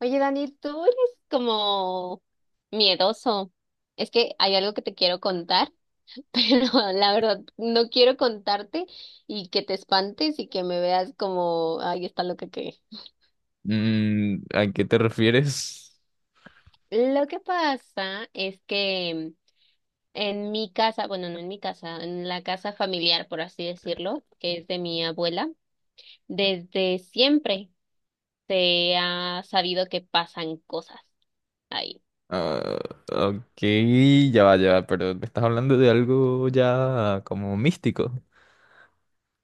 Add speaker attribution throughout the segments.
Speaker 1: Oye, Dani, tú eres como miedoso. Es que hay algo que te quiero contar, pero la verdad no quiero contarte y que te espantes y que me veas como, ay, está loca que...
Speaker 2: Mm, ¿a qué te refieres?
Speaker 1: Lo que pasa es que en mi casa, bueno, no en mi casa, en la casa familiar, por así decirlo, que es de mi abuela, desde siempre se ha sabido que pasan cosas ahí.
Speaker 2: Ah, ok, ya va, pero me estás hablando de algo ya como místico.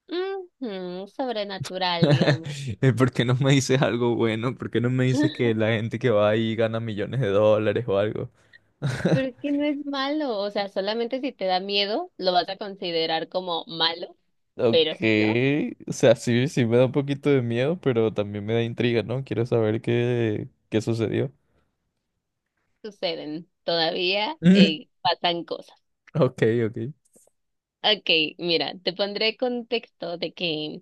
Speaker 1: Ujú, sobrenatural, digamos.
Speaker 2: ¿Por qué no me dices algo bueno? ¿Por qué no me dices que la gente que va ahí gana millones de dólares o algo?
Speaker 1: Pero es que no es malo, o sea, solamente si te da miedo lo vas a considerar como malo, pero
Speaker 2: Ok,
Speaker 1: si no,
Speaker 2: o sea, sí me da un poquito de miedo, pero también me da intriga, ¿no? Quiero saber qué sucedió.
Speaker 1: suceden. Todavía pasan cosas.
Speaker 2: Ok, ok.
Speaker 1: Ok, mira, te pondré contexto de que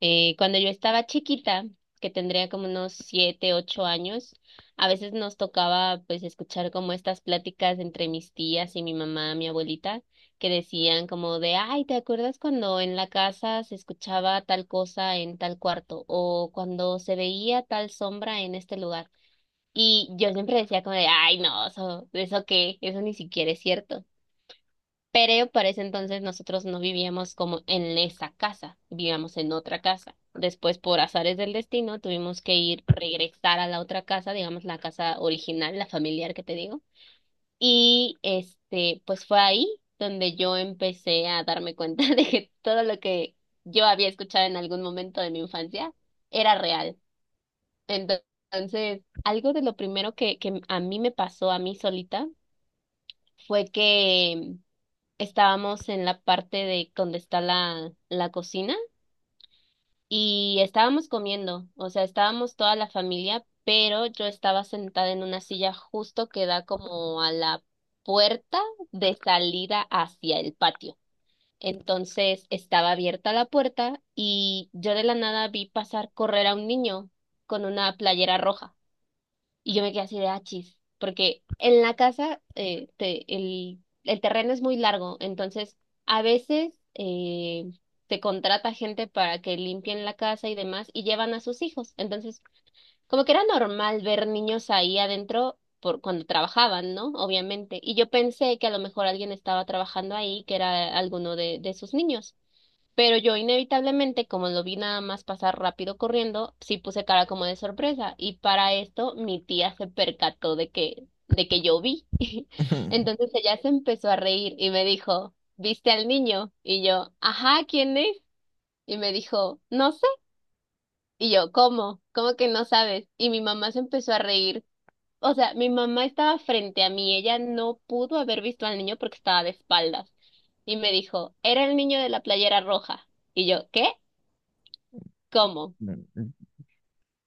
Speaker 1: cuando yo estaba chiquita, que tendría como unos 7, 8 años. A veces nos tocaba pues escuchar como estas pláticas entre mis tías y mi mamá, mi abuelita, que decían como de, ay, ¿te acuerdas cuando en la casa se escuchaba tal cosa en tal cuarto o cuando se veía tal sombra en este lugar? Y yo siempre decía como de, ay, no, eso qué, eso ni siquiera es cierto. Pero para ese entonces nosotros no vivíamos como en esa casa, vivíamos en otra casa. Después, por azares del destino, tuvimos que ir, regresar a la otra casa, digamos la casa original, la familiar que te digo. Y este, pues fue ahí donde yo empecé a darme cuenta de que todo lo que yo había escuchado en algún momento de mi infancia era real. Entonces, algo de lo primero que a mí me pasó a mí solita fue que estábamos en la parte de donde está la cocina y estábamos comiendo, o sea, estábamos toda la familia, pero yo estaba sentada en una silla justo que da como a la puerta de salida hacia el patio. Entonces estaba abierta la puerta y yo de la nada vi pasar correr a un niño con una playera roja. Y yo me quedé así de achis, porque en la casa el terreno es muy largo, entonces a veces se contrata gente para que limpien la casa y demás y llevan a sus hijos. Entonces, como que era normal ver niños ahí adentro por cuando trabajaban, ¿no? Obviamente. Y yo pensé que a lo mejor alguien estaba trabajando ahí, que era alguno de sus niños. Pero yo inevitablemente, como lo vi nada más pasar rápido corriendo, sí puse cara como de sorpresa. Y para esto mi tía se percató de de que yo vi. Entonces ella se empezó a reír y me dijo, ¿viste al niño? Y yo, ajá, ¿quién es? Y me dijo, no sé. Y yo, ¿cómo? ¿Cómo que no sabes? Y mi mamá se empezó a reír. O sea, mi mamá estaba frente a mí, ella no pudo haber visto al niño porque estaba de espaldas. Y me dijo, era el niño de la playera roja. Y yo, ¿qué? ¿Cómo?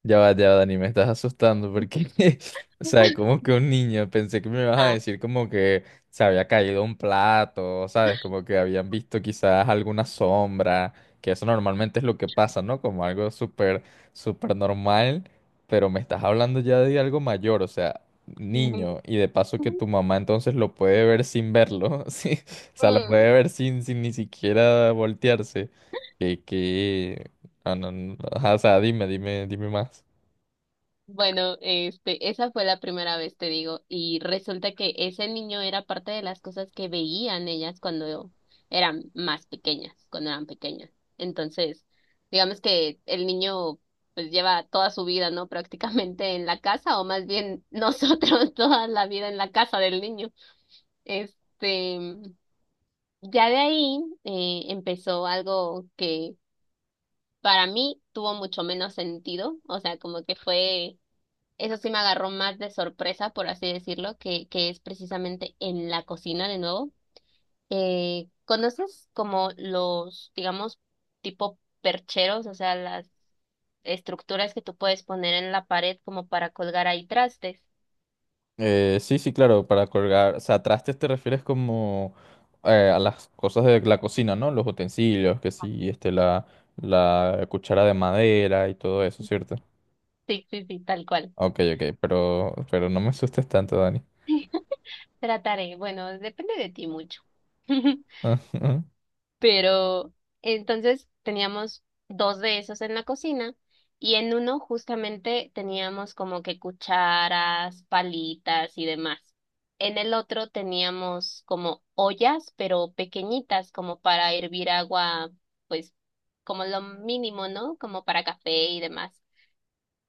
Speaker 2: Ya va, Dani, me estás asustando porque o sea, como que un niño, pensé que me ibas a
Speaker 1: Ah,
Speaker 2: decir como que se había caído un plato, ¿sabes? Como que habían visto quizás alguna sombra, que eso normalmente es lo que pasa, ¿no? Como algo súper, súper normal, pero me estás hablando ya de algo mayor, o sea,
Speaker 1: ujú,
Speaker 2: niño, y de paso que
Speaker 1: ujú,
Speaker 2: tu mamá entonces lo puede ver sin verlo, ¿sí? O sea, lo
Speaker 1: mm.
Speaker 2: puede ver sin ni siquiera voltearse. Que... Ah, no, no, ajá, o sea, dime más.
Speaker 1: Bueno, este, esa fue la primera vez, te digo, y resulta que ese niño era parte de las cosas que veían ellas cuando eran más pequeñas, cuando eran pequeñas. Entonces, digamos que el niño pues lleva toda su vida, ¿no? Prácticamente en la casa, o más bien nosotros toda la vida en la casa del niño. Este, ya de ahí empezó algo que para mí tuvo mucho menos sentido, o sea, como que fue, eso sí me agarró más de sorpresa, por así decirlo, que es precisamente en la cocina de nuevo. ¿Conoces como los, digamos, tipo percheros, o sea, las estructuras que tú puedes poner en la pared como para colgar ahí trastes?
Speaker 2: Sí, sí, claro, para colgar, o sea, trastes te refieres como a las cosas de la cocina, ¿no? Los utensilios, que sí, este, la cuchara de madera y todo eso, ¿cierto?
Speaker 1: Sí, sí, sí, tal cual.
Speaker 2: Ok, ok, pero no me asustes tanto, Dani.
Speaker 1: Trataré, bueno, depende de ti mucho. Pero entonces teníamos dos de esos en la cocina y en uno justamente teníamos como que cucharas, palitas y demás. En el otro teníamos como ollas, pero pequeñitas, como para hervir agua, pues como lo mínimo, ¿no? Como para café y demás.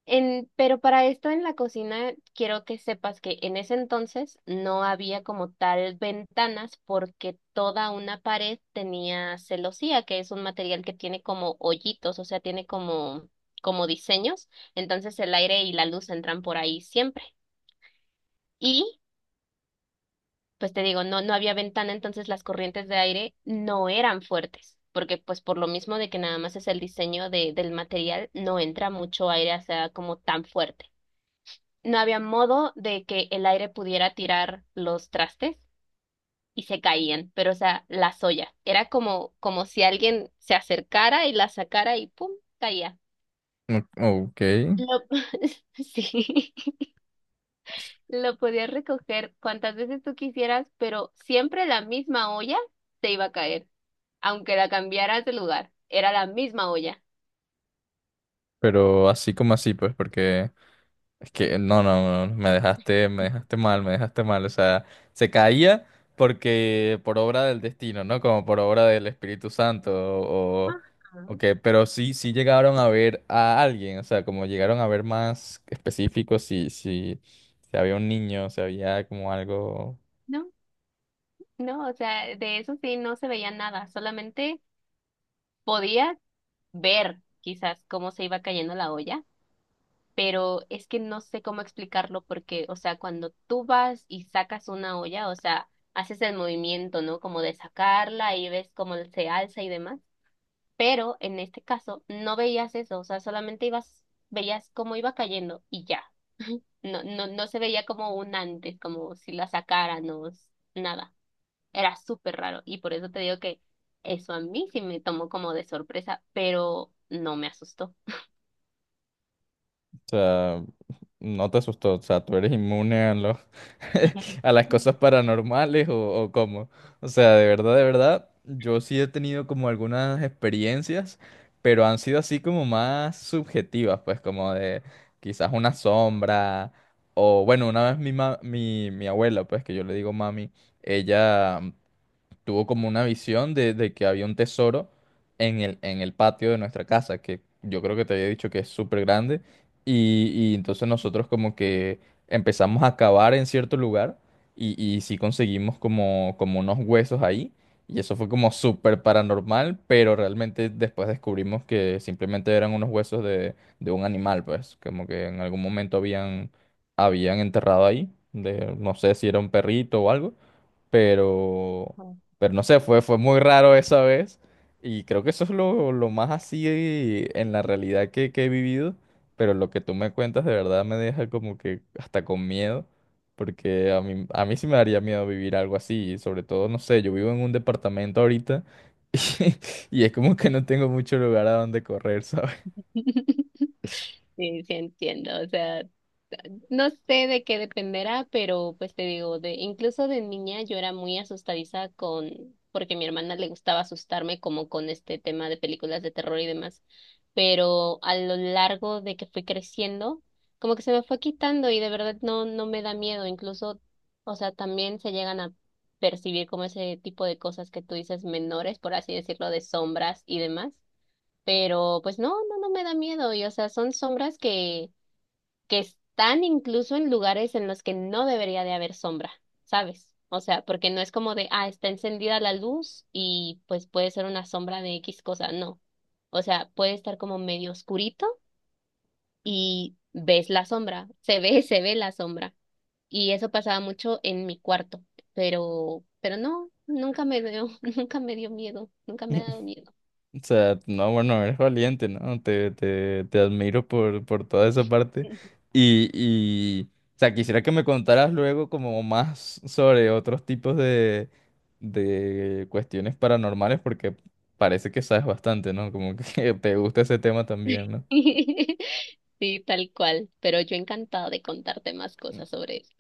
Speaker 1: En, pero para esto en la cocina quiero que sepas que en ese entonces no había como tal ventanas porque toda una pared tenía celosía, que es un material que tiene como hoyitos, o sea, tiene como, como diseños, entonces el aire y la luz entran por ahí siempre. Y pues te digo, no, no había ventana, entonces las corrientes de aire no eran fuertes, porque pues por lo mismo de que nada más es el diseño del material, no entra mucho aire, o sea, como tan fuerte. No había modo de que el aire pudiera tirar los trastes y se caían, pero o sea, las ollas. Era como, como si alguien se acercara y la sacara y ¡pum! Caía.
Speaker 2: Ok,
Speaker 1: Lo, sí, lo podías recoger cuantas veces tú quisieras, pero siempre la misma olla te iba a caer, aunque la cambiaras de lugar. Era la misma olla.
Speaker 2: pero así como así, pues, porque... Es que no, no, no, no, me dejaste mal, me dejaste mal. O sea, se caía porque por obra del destino, ¿no? Como por obra del Espíritu Santo
Speaker 1: Ajá.
Speaker 2: o qué, pero sí llegaron a ver a alguien, o sea, como llegaron a ver más específicos si había un niño, si había como algo,
Speaker 1: No, no, o sea, de eso sí no se veía nada, solamente podías ver quizás cómo se iba cayendo la olla, pero es que no sé cómo explicarlo porque, o sea, cuando tú vas y sacas una olla, o sea, haces el movimiento, ¿no? Como de sacarla y ves cómo se alza y demás, pero en este caso no veías eso, o sea, solamente ibas, veías cómo iba cayendo y ya. No, no, no se veía como un antes, como si la sacaran o nada. Era súper raro y por eso te digo que eso a mí sí me tomó como de sorpresa, pero no me asustó.
Speaker 2: o sea. No te asustó, o sea, tú eres inmune a los, a las cosas paranormales o cómo. O sea, de verdad, yo sí he tenido como algunas experiencias, pero han sido así como más subjetivas, pues como de quizás una sombra o bueno, una vez mi abuela, pues que yo le digo mami, ella tuvo como una visión de que había un tesoro en en el patio de nuestra casa, que yo creo que te había dicho que es súper grande. Y entonces nosotros como que empezamos a cavar en cierto lugar y sí conseguimos como, como unos huesos ahí. Y eso fue como súper paranormal, pero realmente después descubrimos que simplemente eran unos huesos de un animal, pues, como que en algún momento habían enterrado ahí, de, no sé si era un perrito o algo. Pero, pero no sé, fue muy raro esa vez. Y creo que eso es lo más así en la realidad que he vivido. Pero lo que tú me cuentas de verdad me deja como que hasta con miedo. Porque a mí sí me daría miedo vivir algo así. Y sobre todo, no sé, yo vivo en un departamento ahorita. Y, y es como que no tengo mucho lugar a donde correr, ¿sabes?
Speaker 1: Sí, sí entiendo, o sea, no sé de qué dependerá, pero pues te digo, de incluso de niña yo era muy asustadiza con, porque a mi hermana le gustaba asustarme como con este tema de películas de terror y demás, pero a lo largo de que fui creciendo, como que se me fue quitando y de verdad no, no me da miedo, incluso, o sea, también se llegan a percibir como ese tipo de cosas que tú dices menores, por así decirlo, de sombras y demás, pero pues no, no, no me da miedo y o sea, son sombras que están incluso en lugares en los que no debería de haber sombra, ¿sabes? O sea, porque no es como de, ah, está encendida la luz y pues puede ser una sombra de X cosa, no. O sea, puede estar como medio oscurito y ves la sombra, se ve, se ve la sombra. Y eso pasaba mucho en mi cuarto, pero no, nunca me dio, nunca me dio miedo, nunca me ha dado miedo.
Speaker 2: O sea, no, bueno, eres valiente, ¿no? Te admiro por toda esa parte. Y, o sea, quisiera que me contaras luego como más sobre otros tipos de cuestiones paranormales, porque parece que sabes bastante, ¿no? Como que te gusta ese tema también, ¿no?
Speaker 1: Sí, tal cual, pero yo encantada de contarte más cosas sobre eso.